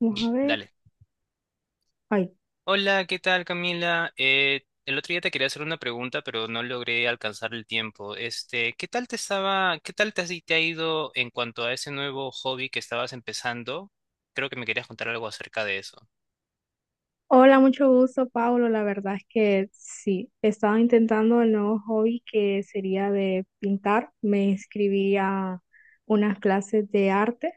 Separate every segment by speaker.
Speaker 1: Vamos a ver.
Speaker 2: Dale.
Speaker 1: Ay.
Speaker 2: Hola, ¿qué tal, Camila? El otro día te quería hacer una pregunta, pero no logré alcanzar el tiempo. ¿Qué tal te estaba, qué tal te, has- te ha ido en cuanto a ese nuevo hobby que estabas empezando? Creo que me querías contar algo acerca de eso.
Speaker 1: Hola, mucho gusto, Pablo. La verdad es que sí, he estado intentando el nuevo hobby que sería de pintar. Me inscribí a unas clases de arte.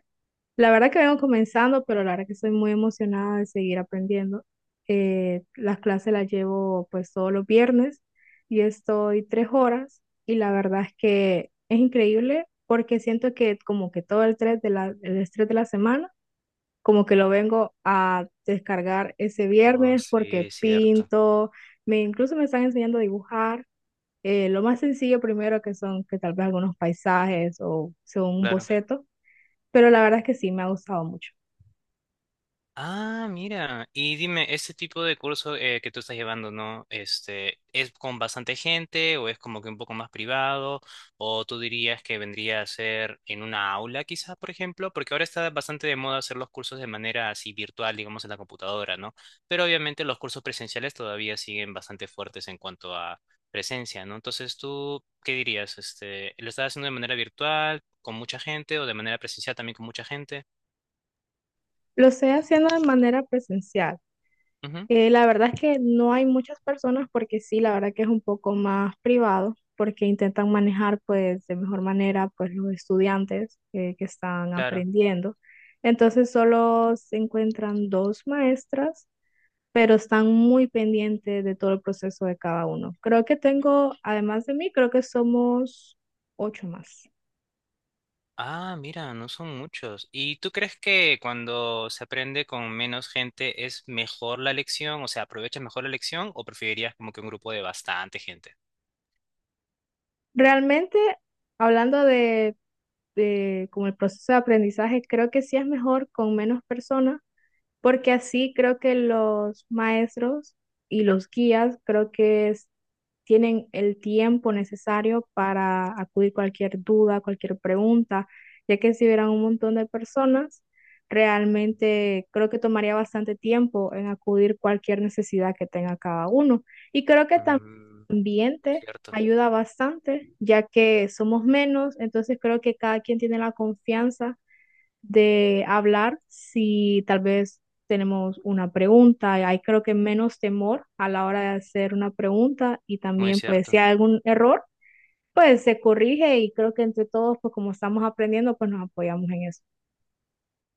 Speaker 1: La verdad que vengo comenzando, pero la verdad que estoy muy emocionada de seguir aprendiendo. Las clases las llevo pues todos los viernes y estoy 3 horas y la verdad es que es increíble porque siento que como que todo el estrés el estrés de la semana como que lo vengo a descargar ese
Speaker 2: Oh,
Speaker 1: viernes
Speaker 2: sí,
Speaker 1: porque
Speaker 2: es cierto.
Speaker 1: pinto, me incluso me están enseñando a dibujar. Lo más sencillo primero que son que tal vez algunos paisajes o son un
Speaker 2: Claro.
Speaker 1: boceto, pero la verdad es que sí me ha gustado mucho.
Speaker 2: Ah, mira. Y dime, ¿este tipo de curso que tú estás llevando, ¿no? ¿Es con bastante gente o es como que un poco más privado? ¿O tú dirías que vendría a ser en una aula quizás, por ejemplo? Porque ahora está bastante de moda hacer los cursos de manera así virtual, digamos, en la computadora, ¿no? Pero obviamente los cursos presenciales todavía siguen bastante fuertes en cuanto a presencia, ¿no? Entonces, ¿tú qué dirías? ¿Lo estás haciendo de manera virtual, con mucha gente o de manera presencial también con mucha gente?
Speaker 1: Lo estoy haciendo de manera presencial.
Speaker 2: Ujú,
Speaker 1: La verdad es que no hay muchas personas porque sí, la verdad que es un poco más privado porque intentan manejar pues de mejor manera pues los estudiantes que están
Speaker 2: claro.
Speaker 1: aprendiendo. Entonces solo se encuentran dos maestras, pero están muy pendientes de todo el proceso de cada uno. Creo que tengo, además de mí, creo que somos ocho más.
Speaker 2: Ah, mira, no son muchos. ¿Y tú crees que cuando se aprende con menos gente es mejor la lección? O sea, ¿aprovechas mejor la lección o preferirías como que un grupo de bastante gente?
Speaker 1: Realmente, hablando de como el proceso de aprendizaje, creo que sí es mejor con menos personas porque así creo que los maestros y los guías creo que tienen el tiempo necesario para acudir cualquier duda, cualquier pregunta, ya que si hubieran un montón de personas, realmente creo que tomaría bastante tiempo en acudir cualquier necesidad que tenga cada uno. Y creo que también
Speaker 2: Mm,
Speaker 1: el
Speaker 2: muy
Speaker 1: ambiente
Speaker 2: cierto,
Speaker 1: ayuda bastante, ya que somos menos, entonces creo que cada quien tiene la confianza de hablar si tal vez tenemos una pregunta. Hay creo que menos temor a la hora de hacer una pregunta y
Speaker 2: muy
Speaker 1: también pues si
Speaker 2: cierto.
Speaker 1: hay algún error, pues se corrige y creo que entre todos pues como estamos aprendiendo pues nos apoyamos en eso.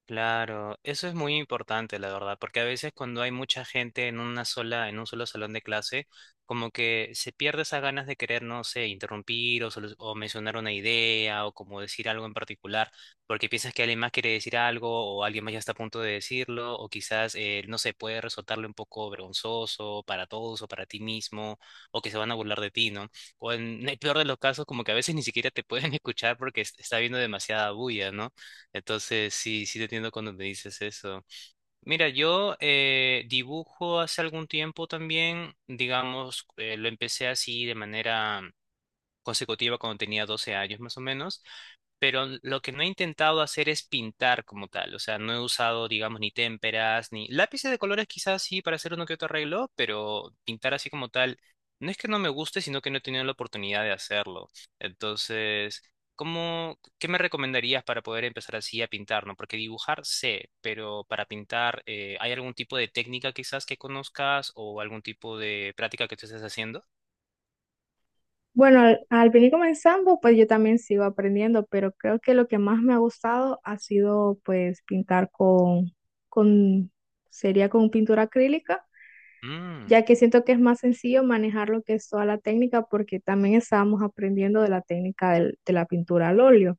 Speaker 2: Claro, eso es muy importante, la verdad, porque a veces cuando hay mucha gente en una sola, en un solo salón de clase, como que se pierde esas ganas de querer, no sé, interrumpir o, o mencionar una idea o como decir algo en particular, porque piensas que alguien más quiere decir algo o alguien más ya está a punto de decirlo o quizás, no sé, puede resultarle un poco vergonzoso para todos o para ti mismo o que se van a burlar de ti, ¿no? O en el peor de los casos, como que a veces ni siquiera te pueden escuchar porque está habiendo demasiada bulla, ¿no? Entonces, sí, sí te entiendo cuando me dices eso. Mira, yo dibujo hace algún tiempo también, digamos, lo empecé así de manera consecutiva cuando tenía 12 años más o menos, pero lo que no he intentado hacer es pintar como tal, o sea, no he usado, digamos, ni témperas, ni lápices de colores quizás sí para hacer uno que otro arreglo, pero pintar así como tal, no es que no me guste, sino que no he tenido la oportunidad de hacerlo. Entonces, ¿cómo, qué me recomendarías para poder empezar así a pintar, no? Porque dibujar sé, pero para pintar, ¿hay algún tipo de técnica quizás que conozcas o algún tipo de práctica que tú estés haciendo?
Speaker 1: Bueno, al venir comenzando pues yo también sigo aprendiendo, pero creo que lo que más me ha gustado ha sido pues pintar con, sería con pintura acrílica,
Speaker 2: Mm,
Speaker 1: ya que siento que es más sencillo manejar lo que es toda la técnica porque también estábamos aprendiendo de la técnica de la pintura al óleo,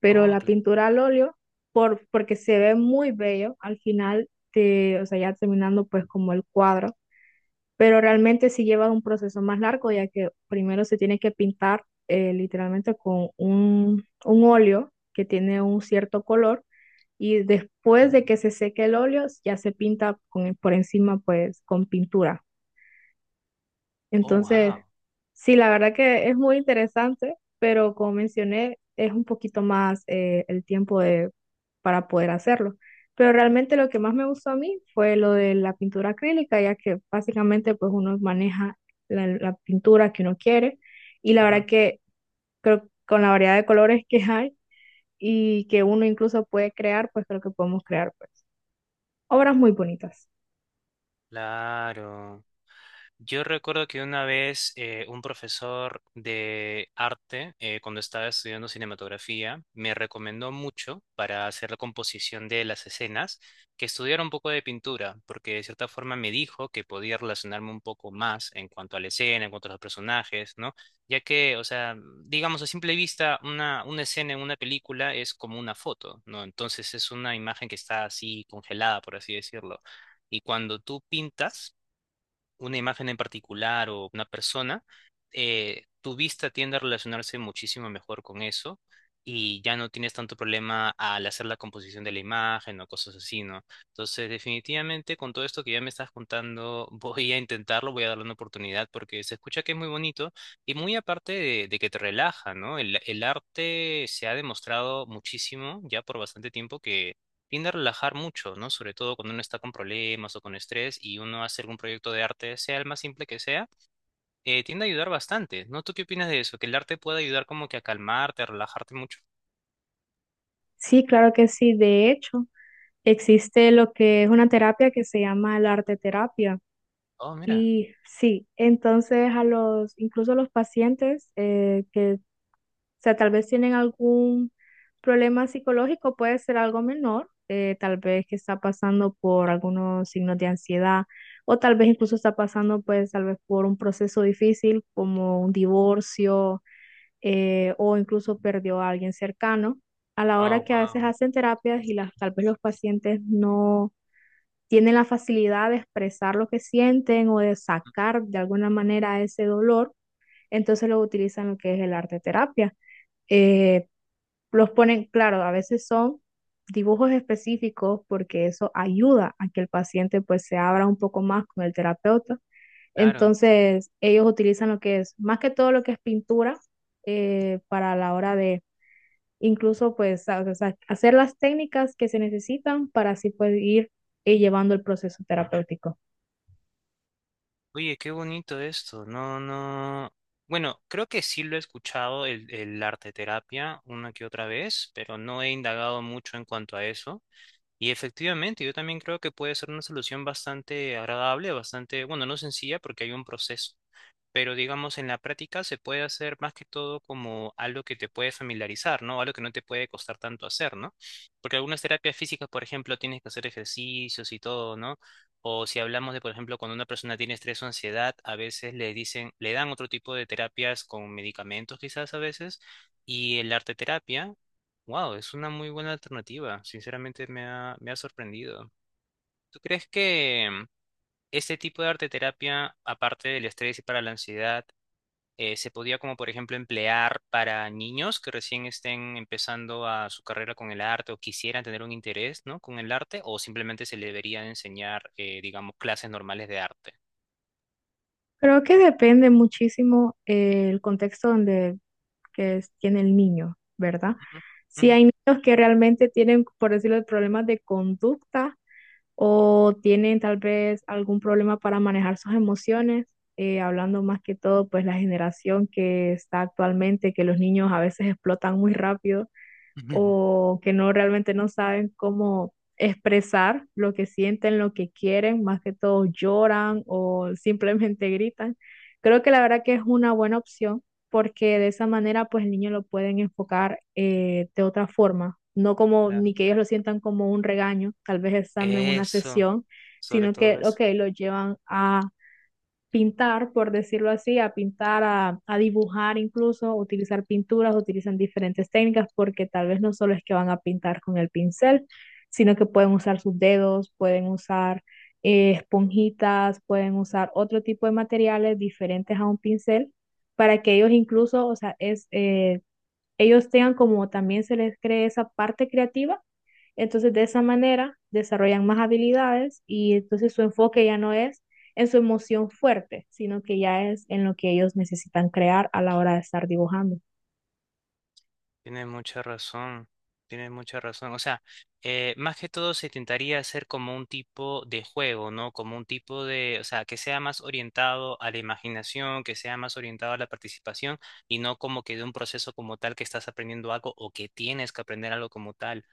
Speaker 1: pero
Speaker 2: oh,
Speaker 1: la
Speaker 2: claro,
Speaker 1: pintura al óleo, porque se ve muy bello al final, de, o sea, ya terminando pues como el cuadro, pero realmente sí lleva un proceso más largo ya que primero se tiene que pintar literalmente con un óleo que tiene un cierto color y después de que se seque el óleo ya se pinta con, por encima pues con pintura.
Speaker 2: oh,
Speaker 1: Entonces,
Speaker 2: wow.
Speaker 1: sí, la verdad que es muy interesante, pero como mencioné, es un poquito más el tiempo de, para poder hacerlo. Pero realmente lo que más me gustó a mí fue lo de la pintura acrílica, ya que básicamente pues uno maneja la pintura que uno quiere y la verdad que creo que con la variedad de colores que hay y que uno incluso puede crear, pues creo que podemos crear pues obras muy bonitas.
Speaker 2: Claro. Yo recuerdo que una vez un profesor de arte, cuando estaba estudiando cinematografía, me recomendó mucho para hacer la composición de las escenas que estudiara un poco de pintura, porque de cierta forma me dijo que podía relacionarme un poco más en cuanto a la escena, en cuanto a los personajes, ¿no? Ya que, o sea, digamos a simple vista, una escena en una película es como una foto, ¿no? Entonces es una imagen que está así congelada, por así decirlo. Y cuando tú pintas, una imagen en particular o una persona, tu vista tiende a relacionarse muchísimo mejor con eso y ya no tienes tanto problema al hacer la composición de la imagen o cosas así, ¿no? Entonces, definitivamente con todo esto que ya me estás contando, voy a intentarlo, voy a darle una oportunidad porque se escucha que es muy bonito y muy aparte de que te relaja, ¿no? El arte se ha demostrado muchísimo ya por bastante tiempo que tiende a relajar mucho, ¿no? Sobre todo cuando uno está con problemas o con estrés y uno hace algún proyecto de arte, sea el más simple que sea, tiende a ayudar bastante, ¿no? ¿Tú qué opinas de eso? ¿Que el arte puede ayudar como que a calmarte, a relajarte mucho?
Speaker 1: Sí, claro que sí. De hecho. Existe lo que es una terapia que se llama la arte terapia.
Speaker 2: Oh, mira.
Speaker 1: Y sí, entonces a los, incluso a los pacientes que, o sea, tal vez tienen algún problema psicológico, puede ser algo menor, tal vez que está pasando por algunos signos de ansiedad o tal vez incluso está pasando pues tal vez por un proceso difícil como un divorcio, o incluso perdió a alguien cercano. A la hora
Speaker 2: Oh,
Speaker 1: que a veces
Speaker 2: wow.
Speaker 1: hacen terapias y las, tal vez los pacientes no tienen la facilidad de expresar lo que sienten o de sacar de alguna manera ese dolor, entonces lo utilizan lo que es el arte terapia. Eh, los ponen, claro, a veces son dibujos específicos porque eso ayuda a que el paciente pues se abra un poco más con el terapeuta.
Speaker 2: Claro.
Speaker 1: Entonces ellos utilizan lo que es, más que todo lo que es pintura, para la hora de incluso pues o sea, hacer las técnicas que se necesitan para así pues ir, llevando el proceso terapéutico.
Speaker 2: Oye, qué bonito esto. No, no. Bueno, creo que sí lo he escuchado el arte terapia una que otra vez, pero no he indagado mucho en cuanto a eso. Y efectivamente, yo también creo que puede ser una solución bastante agradable, bastante, bueno, no sencilla porque hay un proceso, pero digamos en la práctica se puede hacer más que todo como algo que te puede familiarizar, ¿no? Algo que no te puede costar tanto hacer, ¿no? Porque algunas terapias físicas, por ejemplo, tienes que hacer ejercicios y todo, ¿no? O si hablamos de, por ejemplo, cuando una persona tiene estrés o ansiedad, a veces le dicen, le dan otro tipo de terapias con medicamentos quizás a veces, y el arte terapia, wow, es una muy buena alternativa, sinceramente me ha sorprendido. ¿Tú crees que este tipo de arte terapia, aparte del estrés y para la ansiedad, se podía como por ejemplo emplear para niños que recién estén empezando a su carrera con el arte o quisieran tener un interés, ¿no? ¿Con el arte o simplemente se le debería enseñar, digamos, clases normales de arte?
Speaker 1: Creo que depende muchísimo el contexto donde tiene el niño, ¿verdad?
Speaker 2: Ujú,
Speaker 1: Si
Speaker 2: ujú, ujú.
Speaker 1: hay niños que realmente tienen, por decirlo, problemas de conducta o tienen tal vez algún problema para manejar sus emociones, hablando más que todo, pues la generación que está actualmente, que los niños a veces explotan muy rápido o que no realmente no saben cómo expresar lo que sienten, lo que quieren, más que todo lloran o simplemente gritan. Creo que la verdad que es una buena opción porque de esa manera pues el niño lo pueden enfocar de otra forma, no como
Speaker 2: La-
Speaker 1: ni que ellos lo sientan como un regaño, tal vez estando en una
Speaker 2: Eso,
Speaker 1: sesión,
Speaker 2: sobre
Speaker 1: sino
Speaker 2: todo
Speaker 1: que,
Speaker 2: eso.
Speaker 1: ok, lo llevan a pintar, por decirlo así, a pintar, a dibujar incluso, utilizar pinturas, utilizan diferentes técnicas porque tal vez no solo es que van a pintar con el pincel, sino que pueden usar sus dedos, pueden usar esponjitas, pueden usar otro tipo de materiales diferentes a un pincel para que ellos incluso, o sea, ellos tengan como también se les cree esa parte creativa, entonces, de esa manera, desarrollan más habilidades y entonces su enfoque ya no es en su emoción fuerte, sino que ya es en lo que ellos necesitan crear a la hora de estar dibujando.
Speaker 2: Tienes mucha razón, tienes mucha razón. O sea, más que todo se intentaría hacer como un tipo de juego, ¿no? Como un tipo de, o sea, que sea más orientado a la imaginación, que sea más orientado a la participación, y no como que de un proceso como tal que estás aprendiendo algo o que tienes que aprender algo como tal.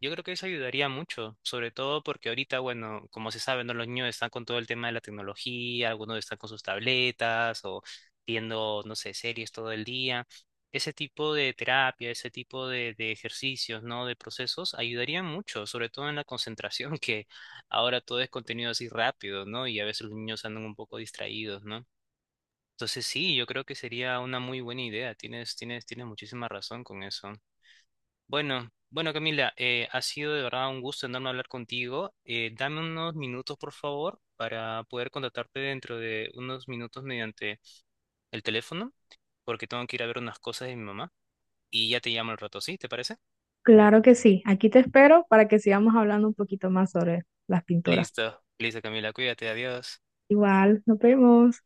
Speaker 2: Yo creo que eso ayudaría mucho, sobre todo porque ahorita, bueno, como se sabe, ¿no? Los niños están con todo el tema de la tecnología, algunos están con sus tabletas o viendo, no sé, series todo el día. Ese tipo de terapia, ese tipo de ejercicios, ¿no? De procesos ayudarían mucho, sobre todo en la concentración, que ahora todo es contenido así rápido, ¿no? Y a veces los niños andan un poco distraídos, ¿no? Entonces sí, yo creo que sería una muy buena idea. Tienes muchísima razón con eso. Bueno, bueno, Camila, ha sido de verdad un gusto enorme hablar contigo. Dame unos minutos, por favor, para poder contactarte dentro de unos minutos mediante el teléfono, porque tengo que ir a ver unas cosas de mi mamá y ya te llamo al rato, ¿sí? ¿Te parece?
Speaker 1: Claro que sí, aquí te espero para que sigamos hablando un poquito más sobre las pinturas.
Speaker 2: Listo, listo, Camila, cuídate, adiós.
Speaker 1: Igual, nos vemos.